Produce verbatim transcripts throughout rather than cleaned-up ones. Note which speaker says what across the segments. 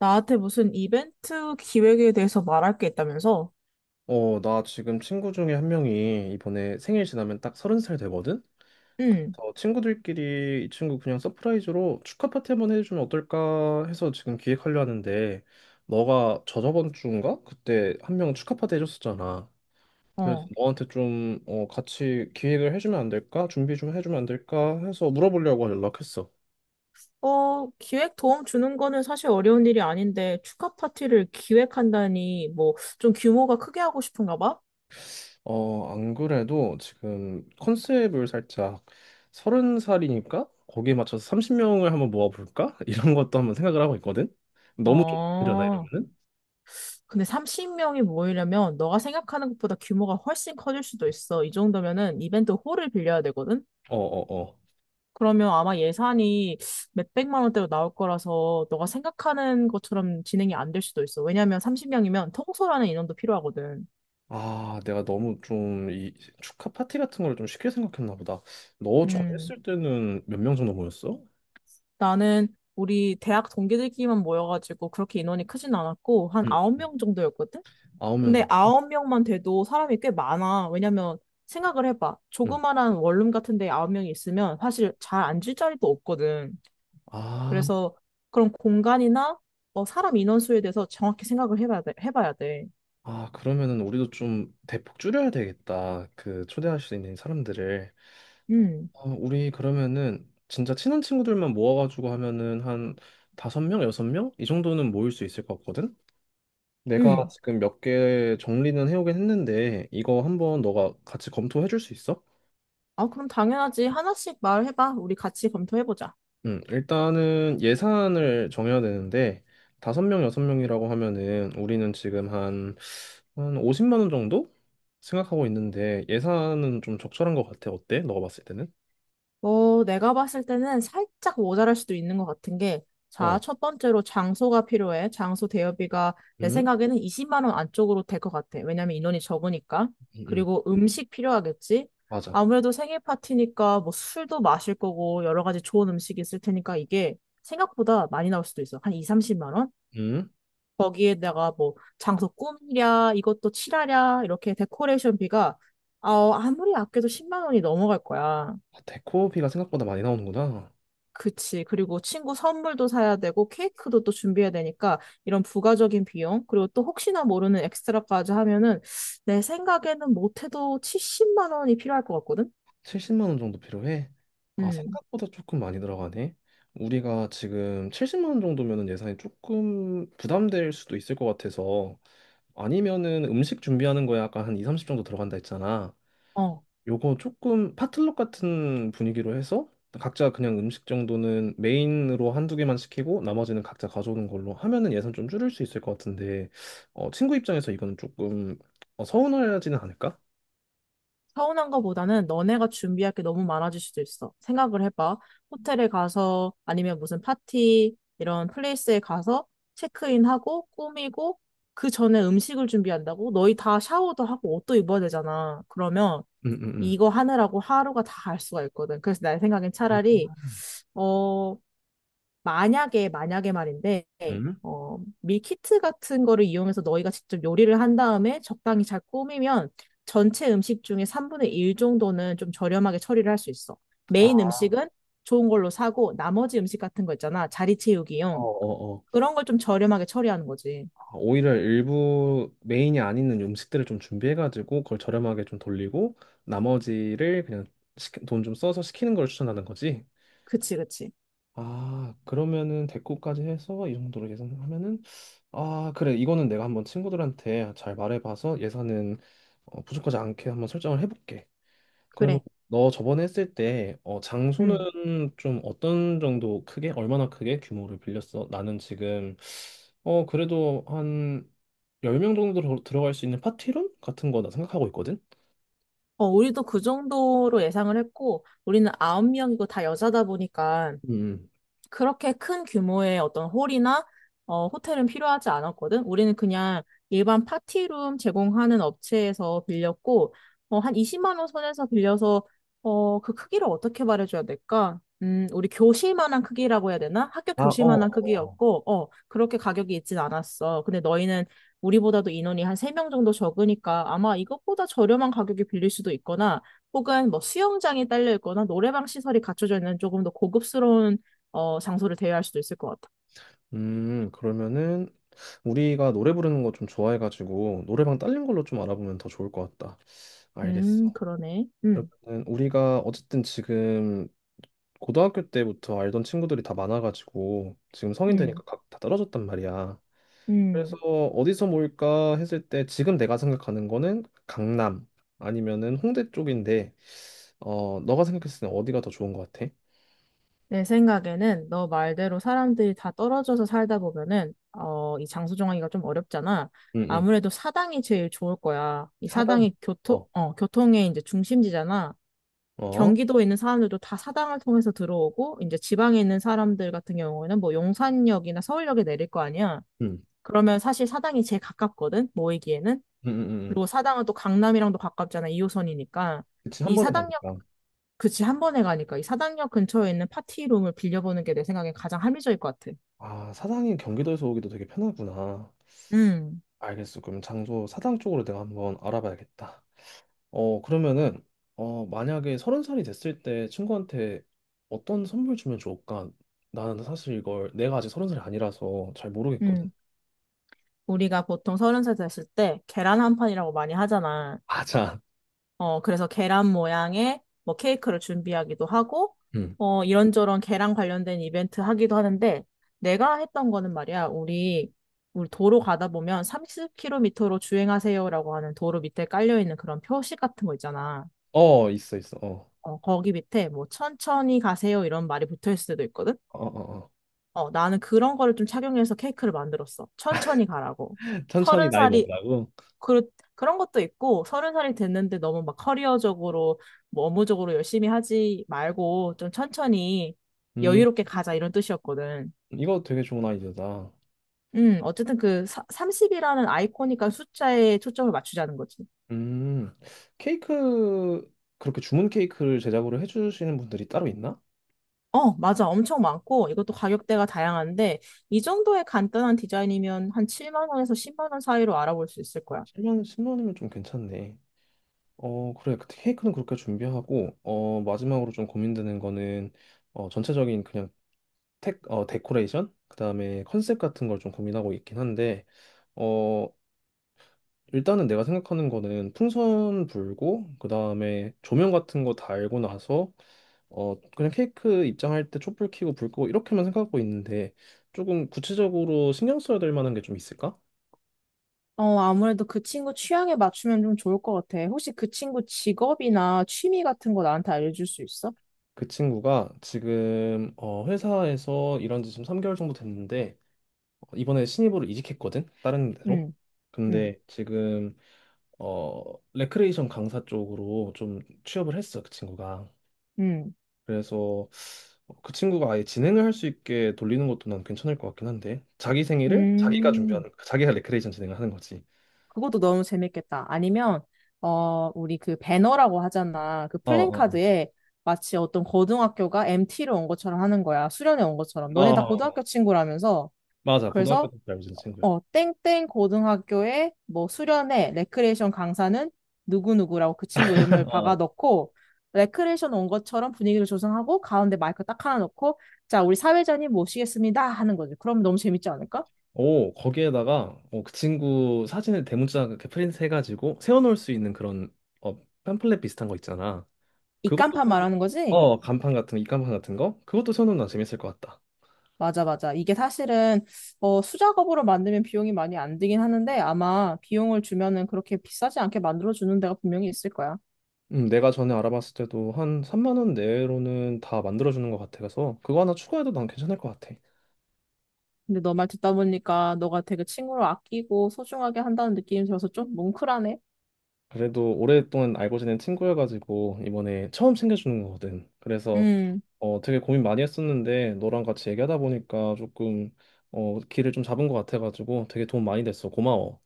Speaker 1: 나한테 무슨 이벤트 기획에 대해서 말할 게 있다면서?
Speaker 2: 어, 나 지금 친구 중에 한 명이 이번에 생일 지나면 딱 서른 살 되거든?
Speaker 1: 응,
Speaker 2: 그래서 친구들끼리 이 친구 그냥 서프라이즈로 축하 파티 한번 해주면 어떨까 해서 지금 기획하려 하는데, 너가 저저번 주인가? 그때 한 명 축하 파티 해줬었잖아. 그래서
Speaker 1: 어.
Speaker 2: 너한테 좀 어, 같이 기획을 해주면 안 될까? 준비 좀 해주면 안 될까? 해서 물어보려고 연락했어.
Speaker 1: 어, 기획 도움 주는 거는 사실 어려운 일이 아닌데, 축하 파티를 기획한다니, 뭐, 좀 규모가 크게 하고 싶은가 봐?
Speaker 2: 어, 안 그래도 지금 컨셉을 살짝 서른 살이니까 거기에 맞춰서 삼십 명을 한번 모아볼까? 이런 것도 한번 생각을 하고 있거든. 너무 좀 힘들려나
Speaker 1: 어,
Speaker 2: 이러면은?
Speaker 1: 근데 삼십 명이 모이려면, 너가 생각하는 것보다 규모가 훨씬 커질 수도 있어. 이 정도면은 이벤트 홀을 빌려야 되거든?
Speaker 2: 어, 어, 어.
Speaker 1: 그러면 아마 예산이 몇백만 원대로 나올 거라서, 너가 생각하는 것처럼 진행이 안 될 수도 있어. 왜냐면 삼십 명이면 통솔하는 인원도 필요하거든.
Speaker 2: 아, 내가 너무 좀 이 축하 파티 같은 걸 좀 쉽게 생각했나 보다. 너 전에
Speaker 1: 음,
Speaker 2: 했을 때는 몇 명 정도 모였어?
Speaker 1: 나는 우리 대학 동기들끼리만 모여가지고 그렇게 인원이 크진 않았고, 한
Speaker 2: 응,
Speaker 1: 아홉 명 정도였거든?
Speaker 2: 아홉 명
Speaker 1: 근데
Speaker 2: 정도?
Speaker 1: 아홉 명만 돼도 사람이 꽤 많아. 왜냐면 생각을 해봐.
Speaker 2: 응.
Speaker 1: 조그만한 원룸 같은 데 아홉 명이 있으면 사실 잘 앉을 자리도 없거든.
Speaker 2: 아,
Speaker 1: 그래서 그런 공간이나 어, 사람 인원수에 대해서 정확히 생각을 해봐야 돼. 해봐야 돼.
Speaker 2: 아, 그러면은 우리도 좀 대폭 줄여야 되겠다. 그 초대할 수 있는 사람들을.
Speaker 1: 음,
Speaker 2: 어, 우리 그러면은 진짜 친한 친구들만 모아가지고 하면은 한 다섯 명, 여섯 명? 이 정도는 모일 수 있을 것 같거든? 내가
Speaker 1: 음.
Speaker 2: 지금 몇 개 정리는 해오긴 했는데 이거 한번 너가 같이 검토해 줄 수 있어?
Speaker 1: 아, 그럼 당연하지. 하나씩 말해봐. 우리 같이 검토해보자.
Speaker 2: 음, 일단은 예산을 정해야 되는데 다섯 명, 여섯 명이라고 하면은 우리는 지금 한 오십만 원 정도 생각하고 있는데 예산은 좀 적절한 것 같아. 어때? 너가 봤을 때는?
Speaker 1: 어, 내가 봤을 때는 살짝 모자랄 수도 있는 것 같은 게, 자,
Speaker 2: 어,
Speaker 1: 첫 번째로 장소가 필요해. 장소 대여비가 내
Speaker 2: 음,
Speaker 1: 생각에는 이십만 원 안쪽으로 될 것 같아. 왜냐면 인원이 적으니까.
Speaker 2: 음, 음.
Speaker 1: 그리고 음식 필요하겠지?
Speaker 2: 맞아.
Speaker 1: 아무래도 생일 파티니까 뭐 술도 마실 거고 여러 가지 좋은 음식이 있을 테니까 이게 생각보다 많이 나올 수도 있어. 한 이, 삼십만 원?
Speaker 2: 음,
Speaker 1: 거기에다가 뭐 장소 꾸미랴, 이것도 칠하랴, 이렇게 데코레이션비가 어, 아무리 아껴도 십만 원이 넘어갈 거야.
Speaker 2: 아, 데코비가 생각보다 많이 나오는구나.
Speaker 1: 그치. 그리고 친구 선물도 사야 되고, 케이크도 또 준비해야 되니까, 이런 부가적인 비용, 그리고 또 혹시나 모르는 엑스트라까지 하면은, 내 생각에는 못해도 칠십만 원이 필요할 것 같거든?
Speaker 2: 칠십만 원 정도 필요해. 아,
Speaker 1: 음,
Speaker 2: 생각보다 조금 많이 들어가네. 우리가 지금 칠십만 원 정도면은 예산이 조금 부담될 수도 있을 것 같아서 아니면은 음식 준비하는 거에 아까 한 이, 삼십 정도 들어간다 했잖아.
Speaker 1: 어.
Speaker 2: 요거 조금 파틀럭 같은 분위기로 해서 각자 그냥 음식 정도는 메인으로 한두 개만 시키고 나머지는 각자 가져오는 걸로 하면은 예산 좀 줄일 수 있을 것 같은데 어, 친구 입장에서 이거는 조금 어, 서운하지는 않을까?
Speaker 1: 서운한 거보다는 너네가 준비할 게 너무 많아질 수도 있어. 생각을 해봐. 호텔에 가서, 아니면 무슨 파티, 이런 플레이스에 가서, 체크인하고, 꾸미고, 그 전에 음식을 준비한다고? 너희 다 샤워도 하고, 옷도 입어야 되잖아. 그러면,
Speaker 2: 음, 음, 음.
Speaker 1: 이거 하느라고 하루가 다 갈 수가 있거든. 그래서 내 생각엔
Speaker 2: 아,
Speaker 1: 차라리, 어, 만약에, 만약에 말인데,
Speaker 2: 음?
Speaker 1: 어, 밀키트 같은 거를 이용해서 너희가 직접 요리를 한 다음에 적당히 잘 꾸미면 전체 음식 중에 삼분의 일 정도는 좀 저렴하게 처리를 할 수 있어.
Speaker 2: 아,
Speaker 1: 메인 음식은 좋은 걸로 사고 나머지 음식 같은 거 있잖아. 자리
Speaker 2: 어,
Speaker 1: 채우기용.
Speaker 2: 어, 어.
Speaker 1: 그런 걸 좀 저렴하게 처리하는 거지.
Speaker 2: 아, 오히려 일부 메인이 아닌 음식들을 좀 준비해가지고 그걸 저렴하게 좀 돌리고 나머지를 그냥 돈 좀 써서 시키는 걸 추천하는 거지?
Speaker 1: 그치, 그치.
Speaker 2: 아, 그러면은 대꾸까지 해서 이 정도로 계산하면은 아, 그래. 이거는 내가 한번 친구들한테 잘 말해봐서 예산은 어, 부족하지 않게 한번 설정을 해볼게. 그러면
Speaker 1: 그래.
Speaker 2: 너 저번에 했을 때 어, 장소는
Speaker 1: 음.
Speaker 2: 좀 어떤 정도 크게 얼마나 크게 규모를 빌렸어? 나는 지금 어, 그래도 한 열 명 정도 들어- 들어갈 수 있는 파티룸 같은 거나 생각하고 있거든.
Speaker 1: 어, 우리도 그 정도로 예상을 했고, 우리는 아홉 명이고 다 여자다 보니까
Speaker 2: 음.
Speaker 1: 그렇게 큰 규모의 어떤 홀이나 어, 호텔은 필요하지 않았거든. 우리는 그냥 일반 파티룸 제공하는 업체에서 빌렸고, 어, 한 이십만 원 선에서 빌려서 어, 그 크기를 어떻게 말해줘야 될까? 음, 우리 교실만한 크기라고 해야 되나? 학교
Speaker 2: 아, 어, 어.
Speaker 1: 교실만한
Speaker 2: 어, 어.
Speaker 1: 크기였고, 어, 그렇게 가격이 있진 않았어. 근데 너희는 우리보다도 인원이 한 세 명 정도 적으니까 아마 이것보다 저렴한 가격에 빌릴 수도 있거나, 혹은 뭐 수영장이 딸려 있거나 노래방 시설이 갖춰져 있는 조금 더 고급스러운 어, 장소를 대여할 수도 있을 것 같아.
Speaker 2: 음, 그러면은 우리가 노래 부르는 거 좀 좋아해가지고 노래방 딸린 걸로 좀 알아보면 더 좋을 것 같다. 알겠어.
Speaker 1: 음, 그러네. 음,
Speaker 2: 그러면은 우리가 어쨌든 지금 고등학교 때부터 알던 친구들이 다 많아가지고 지금 성인
Speaker 1: 음,
Speaker 2: 되니까 각 다 떨어졌단 말이야. 그래서
Speaker 1: 음.
Speaker 2: 어디서 모일까 했을 때 지금 내가 생각하는 거는 강남 아니면은 홍대 쪽인데 어 너가 생각했을 때 어디가 더 좋은 것 같아?
Speaker 1: 내 생각에는 너 말대로 사람들이 다 떨어져서 살다 보면은, 어, 이 장소 정하기가 좀 어렵잖아.
Speaker 2: 응응.
Speaker 1: 아무래도 사당이 제일 좋을 거야. 이
Speaker 2: 사당.
Speaker 1: 사당이 교통,
Speaker 2: 어.
Speaker 1: 어, 교통의 이제 중심지잖아.
Speaker 2: 어.
Speaker 1: 경기도에 있는 사람들도 다 사당을 통해서 들어오고, 이제 지방에 있는 사람들 같은 경우에는 뭐 용산역이나 서울역에 내릴 거 아니야.
Speaker 2: 응.
Speaker 1: 그러면 사실 사당이 제일 가깝거든, 모이기에는.
Speaker 2: 응응응.
Speaker 1: 그리고 사당은 또 강남이랑도 가깝잖아. 이호선이니까.
Speaker 2: 그치 한
Speaker 1: 이
Speaker 2: 번에
Speaker 1: 사당역,
Speaker 2: 가니까.
Speaker 1: 그치, 한 번에 가니까. 이 사당역 근처에 있는 파티룸을 빌려보는 게 내 생각엔 가장 합리적일 것 같아.
Speaker 2: 아, 사당이 경기도에서 오기도 되게 편하구나.
Speaker 1: 음,
Speaker 2: 알겠어. 그럼 장소 사당 쪽으로 내가 한번 알아봐야겠다. 어, 그러면은, 어, 만약에 서른 살이 됐을 때 친구한테 어떤 선물 주면 좋을까? 나는 사실 이걸 내가 아직 서른 살이 아니라서 잘 모르겠거든.
Speaker 1: 음, 우리가 보통 서른 살 됐을 때 계란 한 판이라고 많이 하잖아.
Speaker 2: 맞 아,
Speaker 1: 어, 그래서 계란 모양의 뭐 케이크를 준비하기도 하고,
Speaker 2: 음.
Speaker 1: 어, 이런저런 계란 관련된 이벤트 하기도 하는데, 내가 했던 거는 말이야, 우리, 우리 도로 가다 보면 삼십 킬로미터로 주행하세요라고 하는 도로 밑에 깔려있는 그런 표식 같은 거 있잖아.
Speaker 2: 어, 있어, 있어. 어.
Speaker 1: 어, 거기 밑에 뭐 천천히 가세요 이런 말이 붙어 있을 수도 있거든.
Speaker 2: 어, 어, 어.
Speaker 1: 어, 나는 그런 거를 좀 착용해서 케이크를 만들었어. 천천히 가라고.
Speaker 2: 천천히
Speaker 1: 서른
Speaker 2: 나이
Speaker 1: 살이
Speaker 2: 먹으라고.
Speaker 1: 그 그런 것도 있고 서른 살이 됐는데 너무 막 커리어적으로 뭐 업무적으로 열심히 하지 말고 좀 천천히
Speaker 2: 음,
Speaker 1: 여유롭게 가자 이런 뜻이었거든.
Speaker 2: 이거 되게 좋은 아이디어다.
Speaker 1: 음, 어쨌든 그 삼십이라는 아이코닉한 숫자에 초점을 맞추자는 거지.
Speaker 2: 음, 케이크, 그렇게 주문 케이크를 제작으로 해주시는 분들이 따로 있나?
Speaker 1: 어, 맞아. 엄청 많고 이것도 가격대가 다양한데 이 정도의 간단한 디자인이면 한 칠만 원에서 십만 원 사이로 알아볼 수 있을 거야.
Speaker 2: 십만, 십만 원이면 좀 괜찮네. 어, 그래. 그 케이크는 그렇게 준비하고, 어, 마지막으로 좀 고민되는 거는, 어, 전체적인 그냥 택, 어, 데코레이션? 그 다음에 컨셉 같은 걸 좀 고민하고 있긴 한데, 어, 일단은 내가 생각하는 거는 풍선 불고, 그 다음에 조명 같은 거 달고 나서, 어, 그냥 케이크 입장할 때 촛불 켜고 불 끄고 이렇게만 생각하고 있는데, 조금 구체적으로 신경 써야 될 만한 게 좀 있을까?
Speaker 1: 어, 아무래도 그 친구 취향에 맞추면 좀 좋을 것 같아. 혹시 그 친구 직업이나 취미 같은 거 나한테 알려줄 수 있어?
Speaker 2: 그 친구가 지금 어, 회사에서 일한 지 지금 삼 개월 정도 됐는데 어, 이번에 신입으로 이직했거든, 다른 데로.
Speaker 1: 응, 응,
Speaker 2: 근데 지금 어 레크레이션 강사 쪽으로 좀 취업을 했어, 그 친구가.
Speaker 1: 응,
Speaker 2: 그래서 어, 그 친구가 아예 진행을 할 수 있게 돌리는 것도 난 괜찮을 것 같긴 한데 자기 생일을 자기가
Speaker 1: 음.
Speaker 2: 준비하는 거야. 자기가 레크레이션 진행을 하는 거지.
Speaker 1: 그것도 너무 재밌겠다. 아니면, 어, 우리 그 배너라고 하잖아. 그
Speaker 2: 어어어 어,
Speaker 1: 플랜카드에 마치 어떤 고등학교가 엠티로 온 것처럼 하는 거야. 수련회 온 것처럼.
Speaker 2: 어. 어,
Speaker 1: 너네 다
Speaker 2: 어, 어. 어.
Speaker 1: 고등학교 친구라면서. 서
Speaker 2: 맞아,
Speaker 1: 그래
Speaker 2: 고등학교 때 알고 지낸 친구야.
Speaker 1: 어, 땡땡 고등학교의 뭐 수련회 레크레이션 강사는 누구누구라고 그 친구 이름을 박아 넣고 레크레이션 온 것처럼 분위기를 조성하고 가운데 마이크 딱 하나 넣고 자, 우리 사회자님 모시겠습니다 하는 거지. 그럼 너무 재밌지 않을까?
Speaker 2: 오, 거기에다가 어, 그 친구 사진을 대문짝 이렇게 프린트 해가지고 세워놓을 수 있는 그런 어, 팸플렛 비슷한 거 있잖아. 그것도
Speaker 1: 입간판
Speaker 2: 꼭-
Speaker 1: 말하는 거지?
Speaker 2: 어 간판 같은 거, 입간판 같은 거 그것도 세워놓으면 재밌을 것 같다.
Speaker 1: 맞아, 맞아. 이게 사실은 어, 수작업으로 만들면 비용이 많이 안 들긴 하는데 아마 비용을 주면은 그렇게 비싸지 않게 만들어주는 데가 분명히 있을 거야.
Speaker 2: 음, 내가 전에 알아봤을 때도 한 삼만 원 내로는 다 만들어주는 것 같아서 그거 하나 추가해도 난 괜찮을 것 같아.
Speaker 1: 근데 너 말 듣다 보니까 너가 되게 친구를 아끼고 소중하게 한다는 느낌이 들어서 좀 뭉클하네.
Speaker 2: 그래도 오랫동안 알고 지낸 친구여가지고 이번에 처음 챙겨주는 거거든. 그래서
Speaker 1: 음.
Speaker 2: 어, 되게 고민 많이 했었는데 너랑 같이 얘기하다 보니까 조금 어, 길을 좀 잡은 것 같아가지고 되게 도움 많이 됐어. 고마워.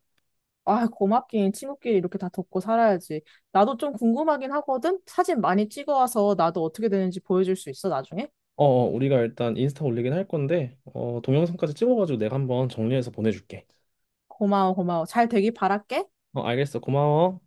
Speaker 1: 아, 고맙긴. 친구끼리 이렇게 다 덮고 살아야지. 나도 좀 궁금하긴 하거든? 사진 많이 찍어와서 나도 어떻게 되는지 보여줄 수 있어, 나중에?
Speaker 2: 어, 어, 우리가 일단 인스타 올리긴 할 건데 어, 동영상까지 찍어가지고 내가 한번 정리해서 보내줄게.
Speaker 1: 고마워, 고마워. 잘 되길 바랄게.
Speaker 2: 어, 알겠어. 고마워.